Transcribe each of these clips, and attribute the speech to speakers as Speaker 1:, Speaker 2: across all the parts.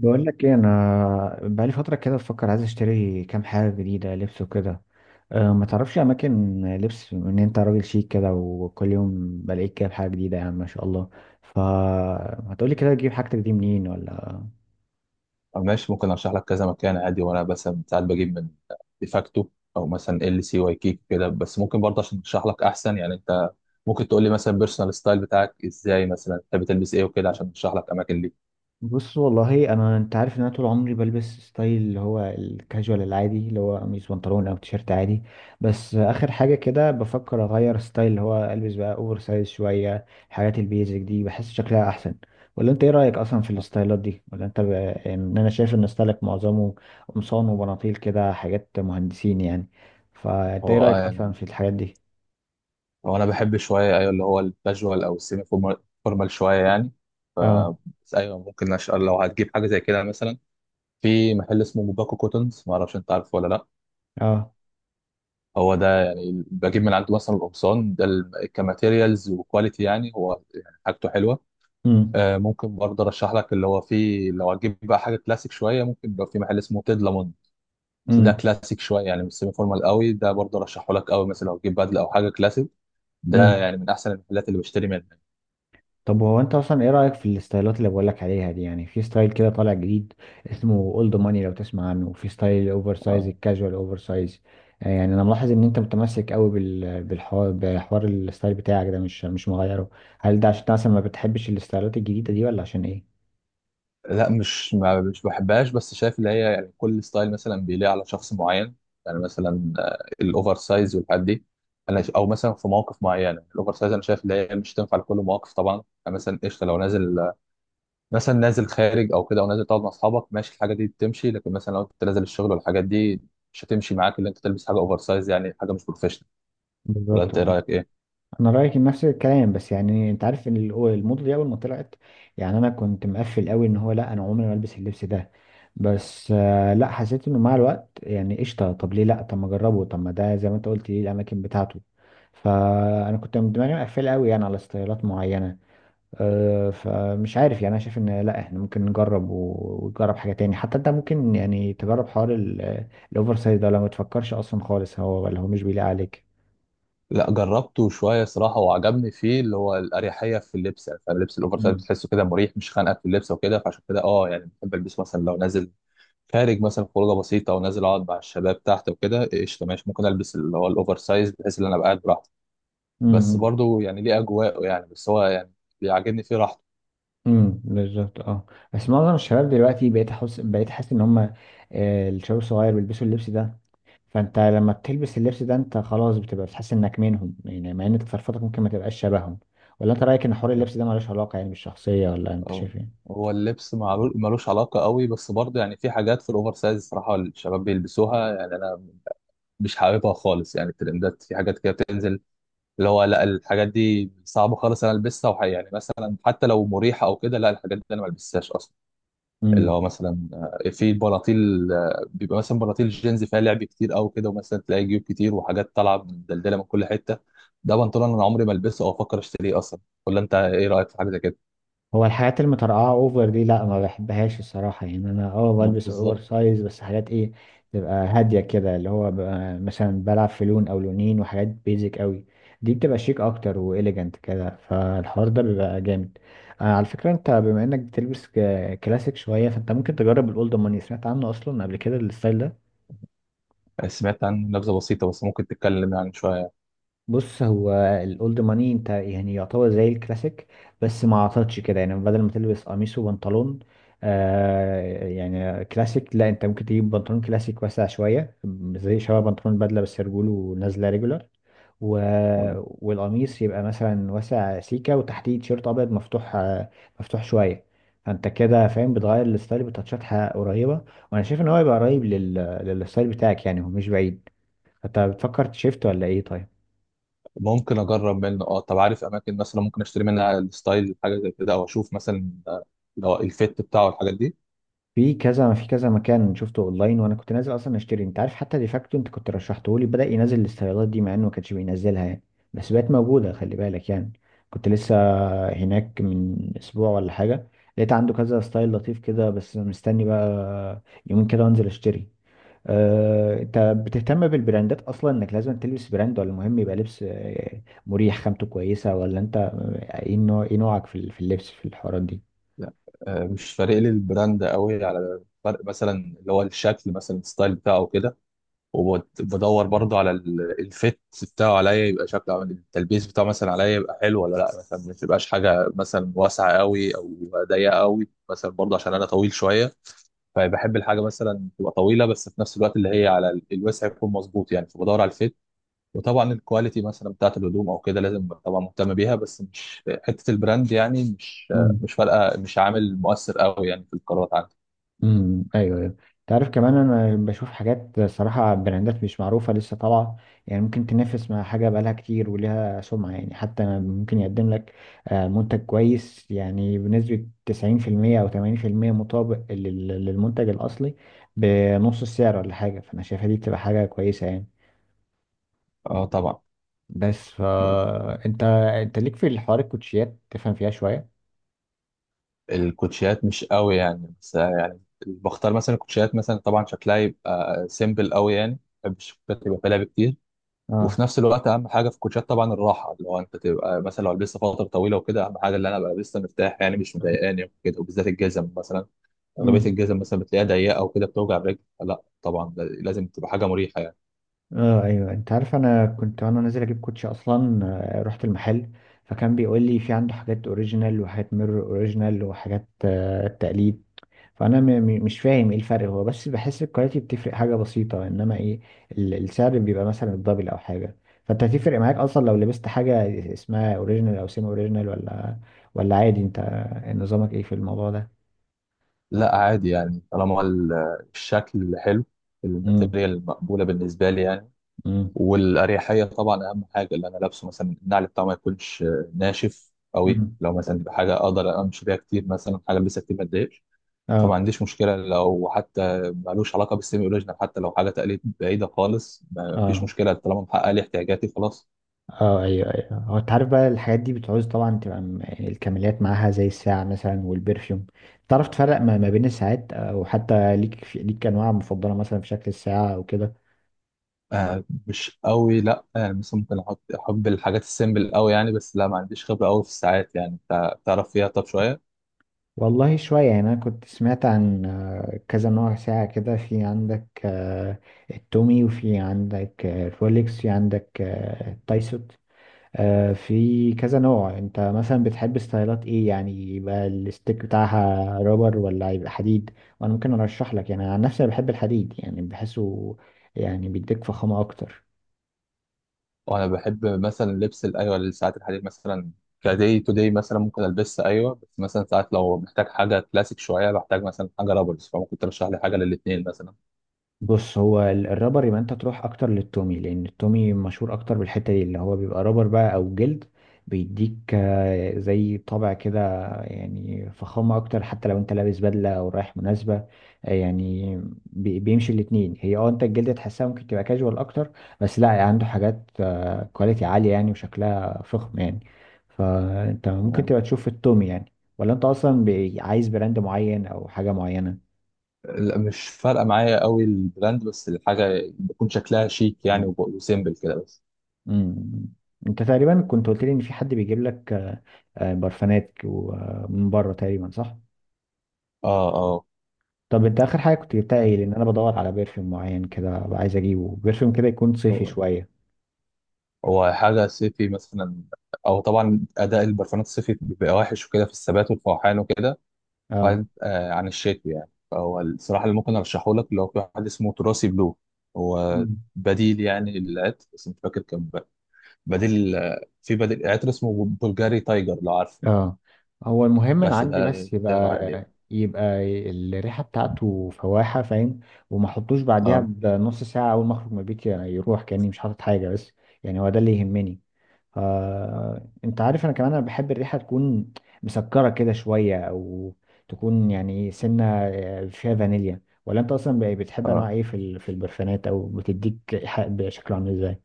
Speaker 1: بقول لك ايه، انا بقالي فتره كده بفكر، عايز اشتري كام حاجه جديده لبس وكده. ما تعرفش اماكن لبس، ان انت راجل شيك كده، وكل يوم بلاقيك كده بحاجه جديده يعني ما شاء الله. فهتقولي كده تجيب حاجتك دي منين ولا؟
Speaker 2: أو ماشي، ممكن ارشح لك كذا مكان عادي. وانا بس ساعات بجيب من ديفاكتو او مثلا ال سي واي كيك كده. بس ممكن برضه عشان ارشح لك احسن، يعني انت ممكن تقول لي مثلا بيرسونال ستايل بتاعك ازاي، مثلا بتحب تلبس ايه وكده، عشان ارشح لك اماكن ليك.
Speaker 1: بص والله انت عارف ان انا طول عمري بلبس ستايل اللي هو الكاجوال العادي، اللي هو قميص بنطلون او تيشيرت عادي. بس اخر حاجه كده بفكر اغير ستايل، اللي هو البس بقى اوفر سايز شويه. الحاجات البيزك دي بحس شكلها احسن. ولا انت ايه رايك اصلا في الستايلات دي؟ ولا انت يعني، ان انا شايف ان ستايلك معظمه قمصان وبناطيل كده، حاجات مهندسين يعني. فانت ايه
Speaker 2: هو
Speaker 1: رايك
Speaker 2: آه
Speaker 1: اصلا
Speaker 2: يعني
Speaker 1: في الحاجات دي؟
Speaker 2: هو انا بحب شويه، ايوه اللي هو الكاجوال او السيمي فورمال شويه يعني.
Speaker 1: اه.
Speaker 2: بس ايوه، ممكن لو هتجيب حاجه زي كده، مثلا في محل اسمه موباكو كوتنز، ما اعرفش انت عارفه ولا لا.
Speaker 1: اه.
Speaker 2: هو ده يعني بجيب من عنده مثلا القمصان ده، كماتيريالز وكواليتي يعني، هو يعني حاجته حلوه.
Speaker 1: امم.
Speaker 2: آه، ممكن برضه ارشح لك اللي هو فيه، لو هتجيب بقى حاجه كلاسيك شويه، ممكن يبقى في محل اسمه تيد لامون. بس ده
Speaker 1: امم.
Speaker 2: كلاسيك شويه يعني، مش سيمي فورمال قوي. ده برضه رشحه لك قوي، مثلا لو تجيب بدله او حاجه كلاسيك، ده
Speaker 1: امم.
Speaker 2: يعني من احسن المحلات اللي بشتري منها.
Speaker 1: طب هو انت اصلا ايه رأيك في الستايلات اللي بقولك عليها دي؟ يعني في ستايل كده طالع جديد اسمه اولد ماني، لو تسمع عنه، وفي ستايل الاوفر سايز،
Speaker 2: آه.
Speaker 1: الكاجوال اوفر سايز. يعني انا ملاحظ ان انت متمسك قوي بال- بالحوار بحوار الستايل بتاعك ده، مش مغيره. هل ده عشان انت مثلا ما بتحبش الستايلات الجديدة دي، ولا عشان ايه؟
Speaker 2: لا، مش بحبهاش، بس شايف اللي هي يعني كل ستايل مثلا بيليق على شخص معين. يعني مثلا آه، الاوفر سايز والحاجات دي، انا او مثلا في مواقف معينه الاوفر سايز، انا شايف اللي هي مش تنفع لكل مواقف طبعا. يعني مثلا قشطه، لو نازل مثلا نازل خارج او كده، او نازل تقعد مع اصحابك، ماشي الحاجه دي بتمشي. لكن مثلا لو انت نازل الشغل والحاجات دي، مش هتمشي معاك اللي انت تلبس حاجه اوفر سايز، يعني حاجه مش بروفيشنال. ولا
Speaker 1: بالظبط.
Speaker 2: انت ايه رايك ايه؟
Speaker 1: انا رايي كان نفس الكلام، بس يعني انت عارف ان الموضه دي اول ما طلعت، يعني انا كنت مقفل قوي ان هو لا، انا عمري ما البس اللبس ده. بس لا، حسيت انه مع الوقت يعني قشطه، طب ليه لا، طب ما اجربه، طب ما ده زي ما انت قلت ليه الاماكن بتاعته. فانا كنت من دماغي مقفل قوي يعني على ستايلات معينه. فمش عارف يعني، انا شايف ان لا، احنا ممكن نجرب ونجرب حاجه تاني. حتى انت ممكن يعني تجرب حوار الاوفر سايز ده، لو ما تفكرش اصلا خالص هو، ولا هو مش بيليق عليك.
Speaker 2: لا، جربته شويه صراحه وعجبني فيه اللي هو الاريحيه في اللبس، يعني فاهم، اللبس الاوفر سايز بتحسه كده مريح، مش خانقك في اللبس وكده. فعشان كده اه يعني بحب البسه، مثلا لو نازل خارج مثلا خروجه بسيطه ونازل اقعد مع الشباب تحت وكده، قشطه ماشي، ممكن البس اللي هو الاوفر سايز، بحيث ان انا ابقى قاعد براحتي. بس
Speaker 1: امم.
Speaker 2: برضه يعني ليه اجواءه يعني، بس هو يعني بيعجبني فيه راحته.
Speaker 1: امم. بالظبط. اه. بس معظم الشباب دلوقتي بقيت حاسس ان هم، الشباب الصغير، بيلبسوا اللبس ده. فانت لما بتلبس اللبس ده، انت خلاص بتبقى بتحس انك منهم، يعني مع ان تصرفاتك ممكن ما تبقاش شبههم. ولا انت رايك ان حوار اللبس ده ملوش علاقه يعني بالشخصيه؟ ولا انت
Speaker 2: أو،
Speaker 1: شايف ايه؟
Speaker 2: هو اللبس ملوش علاقة قوي، بس برضه يعني في حاجات في الأوفر سايز صراحة الشباب بيلبسوها، يعني أنا مش حاببها خالص. يعني الترندات في حاجات كده بتنزل اللي هو لا، الحاجات دي صعبة خالص أنا ألبسها، يعني مثلا حتى لو مريحة أو كده، لا الحاجات دي أنا ما ألبسهاش أصلا. اللي
Speaker 1: امم.
Speaker 2: هو مثلا آه، في بناطيل آه، بيبقى مثلا بناطيل جينز فيها لعب كتير أو كده، ومثلا تلاقي جيوب كتير وحاجات طالعة مدلدلة من كل حتة. ده بنطلون أنا عمري ما ألبسه أو أفكر أشتريه أصلا. ولا أنت إيه رأيك في حاجة زي كده؟
Speaker 1: هو الحاجات المترقعة اوفر دي لا، ما بحبهاش الصراحة. يعني انا بلبس اوفر
Speaker 2: بالظبط.
Speaker 1: سايز، بس حاجات ايه، تبقى هادية كده، اللي هو ببقى مثلا بلعب في لون او لونين، وحاجات بيزك قوي. دي بتبقى شيك اكتر واليجنت كده، فالحوار ده بيبقى جامد. على فكرة، انت بما انك بتلبس كلاسيك شوية، فانت ممكن تجرب الاولد ماني. سمعت عنه اصلا قبل كده الستايل ده؟
Speaker 2: سمعت عن نبذة بسيطة، بس ممكن تتكلم يعني شوية.
Speaker 1: بص، هو الاولد ماني انت يعني يعتبر زي الكلاسيك، بس ما عطتش كده. يعني بدل ما تلبس قميص وبنطلون يعني كلاسيك، لا، انت ممكن تجيب بنطلون كلاسيك واسع شويه، زي شبه بنطلون بدله، بس رجوله نازله ريجولار، و...
Speaker 2: تمام.
Speaker 1: والقميص يبقى مثلا واسع سيكه، وتحتيه تيشيرت ابيض مفتوح، مفتوح شويه. فانت كده فاهم، بتغير الستايل بتاتشات قريبه. وانا شايف ان هو يبقى قريب للستايل بتاعك، يعني هو مش بعيد. انت بتفكر تشيفت ولا ايه؟ طيب،
Speaker 2: ممكن أجرب منه. أه، طب عارف أماكن مثلا ممكن أشتري منها الستايل حاجة زي كده، أو أشوف مثلا آه، لو الفيت بتاعه الحاجات دي.
Speaker 1: في كذا مكان شفته اونلاين، وانا كنت نازل اصلا اشتري. انت عارف، حتى ديفاكتو انت كنت رشحته لي، بدأ ينزل الاستيرادات دي، مع انه ما كانش بينزلها يعني. بس بقت موجودة، خلي بالك يعني. كنت لسه هناك من اسبوع ولا حاجة، لقيت عنده كذا ستايل لطيف كده. بس مستني بقى يومين كده وانزل اشتري. انت بتهتم بالبراندات اصلا، انك لازم تلبس براند، ولا مهم يبقى لبس مريح، خامته كويسة؟ ولا انت ايه نوعك في اللبس، في الحوارات
Speaker 2: لا آه، مش فارق لي البراند قوي، على فرق مثلا اللي هو الشكل مثلا الستايل بتاعه كده. وبدور برضه على الفيت بتاعه عليا، يبقى شكله عامل التلبيس بتاعه مثلا عليا يبقى حلو ولا لا، مثلا ما تبقاش حاجة مثلا واسعة قوي أو ضيقة قوي. مثلا برضه عشان أنا طويل شوية، فبحب الحاجه مثلا تبقى طويله، بس في نفس الوقت اللي هي على الوسع يكون مظبوط يعني، فبدور على الفيت. وطبعا الكواليتي مثلا بتاعت الهدوم او كده لازم طبعا مهتم بيها، بس مش حته البراند يعني، مش
Speaker 1: دي؟
Speaker 2: مش فارقه، مش عامل مؤثر قوي يعني في القرارات عندي.
Speaker 1: امم، ايوه ايوه. تعرف كمان، انا بشوف حاجات صراحه، براندات مش معروفه لسه طالعه، يعني ممكن تنافس مع حاجه بقالها كتير ولها سمعه. يعني حتى ممكن يقدم لك منتج كويس، يعني بنسبه 90% او 80% مطابق للمنتج الاصلي بنص السعر ولا حاجه. فانا شايفها دي بتبقى حاجه كويسه يعني.
Speaker 2: اه طبعا.
Speaker 1: بس انت ليك في الحوار الكوتشيات، تفهم فيها شويه؟
Speaker 2: الكوتشيات مش قوي يعني، بس يعني بختار مثلا الكوتشيات مثلا، طبعا شكلها يبقى سيمبل قوي يعني، ما بحبش الكوتشيات يبقى فيها لعب كتير.
Speaker 1: اه.
Speaker 2: وفي نفس الوقت اهم حاجه في الكوتشات طبعا الراحه، اللي هو انت تبقى مثلا لو لبست فتره طويله وكده، اهم حاجه اللي انا ابقى لسه مرتاح، يعني مش مضايقاني وكده. وبالذات الجزم مثلا، اغلبيه
Speaker 1: امم.
Speaker 2: الجزم مثلا بتلاقيها ضيقه وكده بتوجع الرجل، لا طبعا لازم تبقى حاجه مريحه يعني.
Speaker 1: اه ايوه انت عارف انا كنت وانا نازل اجيب كوتشي اصلا آه، رحت المحل فكان بيقول لي في عنده حاجات اوريجينال وحاجات ميرور اوريجينال وحاجات آه، تقليد فانا م م مش فاهم ايه الفرق هو بس بحس الكواليتي بتفرق حاجه بسيطه انما ايه ال- السعر بيبقى مثلا الدبل او حاجه فانت هتفرق معاك اصلا لو لبست حاجه اسمها اوريجينال او سيمي اوريجينال ولا ولا عادي انت نظامك ايه في الموضوع ده
Speaker 2: لا عادي يعني، طالما الشكل حلو،
Speaker 1: امم
Speaker 2: الماتيريال المقبوله بالنسبه لي يعني.
Speaker 1: امم
Speaker 2: والاريحيه طبعا اهم حاجه، اللي انا لابسه مثلا النعل بتاعه ما يكونش ناشف قوي،
Speaker 1: امم
Speaker 2: لو مثلا تبقى حاجه اقدر امشي بيها كتير، مثلا حاجه لسه كتير ما تضايقش. فما
Speaker 1: اه
Speaker 2: عنديش مشكلة، لو حتى مالوش علاقة بالسيمي أوريجينال، حتى لو حاجة تقليد بعيدة خالص ما فيش
Speaker 1: اه
Speaker 2: مشكلة، طالما محقق لي احتياجاتي خلاص.
Speaker 1: اه ايوه ايوه. هو انت عارف بقى الحاجات دي بتعوز طبعا تبقى يعني الكماليات معاها، زي الساعة مثلا والبرفيوم. تعرف تفرق ما بين الساعات؟ او حتى ليك انواع مفضلة مثلا في شكل الساعة او كده؟
Speaker 2: آه مش قوي. لا آه، مثلا ممكن أحط، أحب الحاجات السيمبل قوي يعني، بس لا ما عنديش خبرة قوي في الساعات، يعني أنت تعرف فيها طب شوية.
Speaker 1: والله شوية. يعني انا كنت سمعت عن كذا نوع ساعة كده، في عندك التومي، وفي عندك الرولكس، في عندك التايسوت. في كذا نوع. انت مثلا بتحب ستايلات ايه؟ يعني يبقى الستيك بتاعها رابر، ولا يبقى حديد؟ وانا ممكن ارشح لك. يعني عن نفسي أنا بحب الحديد، يعني بحسه يعني بيديك فخامة اكتر.
Speaker 2: وأنا بحب مثلا لبس أيوة الساعات الحديد مثلا كداي تو داي مثلا ممكن ألبسها، أيوة. بس مثلا ساعات لو محتاج حاجة كلاسيك شوية، بحتاج مثلا حاجة رابرز، فممكن ترشح لي حاجة للاتنين مثلا.
Speaker 1: بص، هو الرابر يبقى انت تروح اكتر للتومي، لان التومي مشهور اكتر بالحته دي، اللي هو بيبقى رابر بقى او جلد. بيديك زي طابع كده، يعني فخامه اكتر، حتى لو انت لابس بدله او رايح مناسبه. آه، يعني بيمشي الاتنين. هي انت الجلد تحسها ممكن تبقى كاجوال اكتر، بس لا، عنده حاجات كواليتي عاليه يعني وشكلها فخم يعني، فانت ممكن تبقى تشوف التومي يعني. ولا انت اصلا عايز براند معين او حاجه معينه؟
Speaker 2: لا، مش فارقه معايا قوي البراند، بس الحاجه بتكون شكلها شيك يعني وسيمبل كده بس.
Speaker 1: مم. انت تقريبا كنت قلت لي ان في حد بيجيب لك، برفانات من بره تقريبا، صح؟
Speaker 2: اه اه.
Speaker 1: طب انت اخر حاجه كنت جبتها ايه؟ لان انا بدور على برفيوم معين كده، أبقى عايز اجيبه، برفيوم كده يكون صيفي
Speaker 2: هو
Speaker 1: شويه.
Speaker 2: هو حاجه صيفي مثلا، او طبعا اداء البرفانات الصيفي بيبقى وحش وكده في الثبات والفوحان وكده،
Speaker 1: اه.
Speaker 2: بعيد آه عن الشتوي يعني. فهو الصراحه اللي ممكن ارشحه لك اللي هو في واحد اسمه تراثي بلو، هو
Speaker 1: مم.
Speaker 2: بديل يعني للعطر. بس مش فاكر كان بديل آه، في بديل عطر اسمه بلغاري تايجر، لو عارفه.
Speaker 1: اه. هو المهم انا
Speaker 2: بس
Speaker 1: عندي،
Speaker 2: ده
Speaker 1: بس
Speaker 2: سعره عالي يعني.
Speaker 1: يبقى الريحه بتاعته فواحه، فاهم؟ وما احطوش بعديها
Speaker 2: اه
Speaker 1: بنص ساعه، اول ما اخرج من البيت يعني يروح كاني مش حاطط حاجه. بس يعني هو ده اللي يهمني. انت عارف، انا كمان انا بحب الريحه تكون مسكره كده شويه، او تكون يعني سنه فيها فانيليا. ولا انت اصلا بتحب انواع
Speaker 2: اه.
Speaker 1: ايه في البرفانات؟ او بتديك ريحه بشكل عامل ازاي؟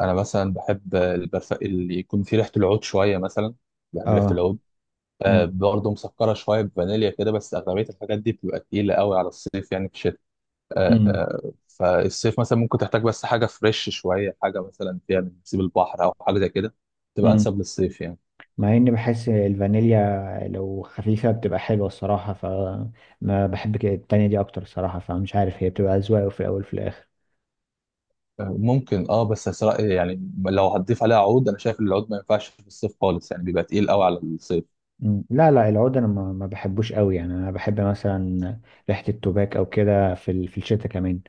Speaker 2: انا مثلا بحب اللي يكون فيه ريحه العود شويه مثلا، بحب ريحه
Speaker 1: اه.
Speaker 2: العود. آه
Speaker 1: امم.
Speaker 2: برضه مسكره شويه بفانيليا كده، بس اغلبيه الحاجات دي بتبقى تقيله قوي على الصيف يعني، في الشتاء.
Speaker 1: امم.
Speaker 2: آه فالصيف مثلا ممكن تحتاج بس حاجه فريش شويه، حاجه مثلا فيها من نسيب البحر او حاجه زي كده، تبقى
Speaker 1: امم.
Speaker 2: انسب للصيف يعني.
Speaker 1: مع اني بحس الفانيليا لو خفيفه بتبقى حلوه الصراحه، فما بحب كده، التانية دي اكتر الصراحه. فمش عارف، هي بتبقى اذواق في الاول وفي الاخر.
Speaker 2: آه ممكن اه، بس أسرع يعني لو هتضيف عليها عود انا شايف إن العود ما ينفعش في الصيف خالص يعني، بيبقى تقيل قوي على الصيف.
Speaker 1: مم. لا لا، العود انا ما بحبوش قوي. يعني انا بحب مثلا ريحه التوباك او كده في الشتاء كمان.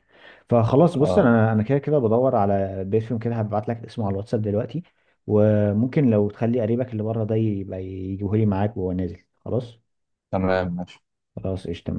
Speaker 1: فخلاص، بص،
Speaker 2: اه
Speaker 1: انا كده كده بدور على بيرفيوم كده، هبعت لك اسمه على الواتساب دلوقتي. وممكن لو تخلي قريبك اللي بره ده يبقى يجيبه لي معاك وهو نازل. خلاص.
Speaker 2: تمام ماشي.
Speaker 1: خلاص قشطه.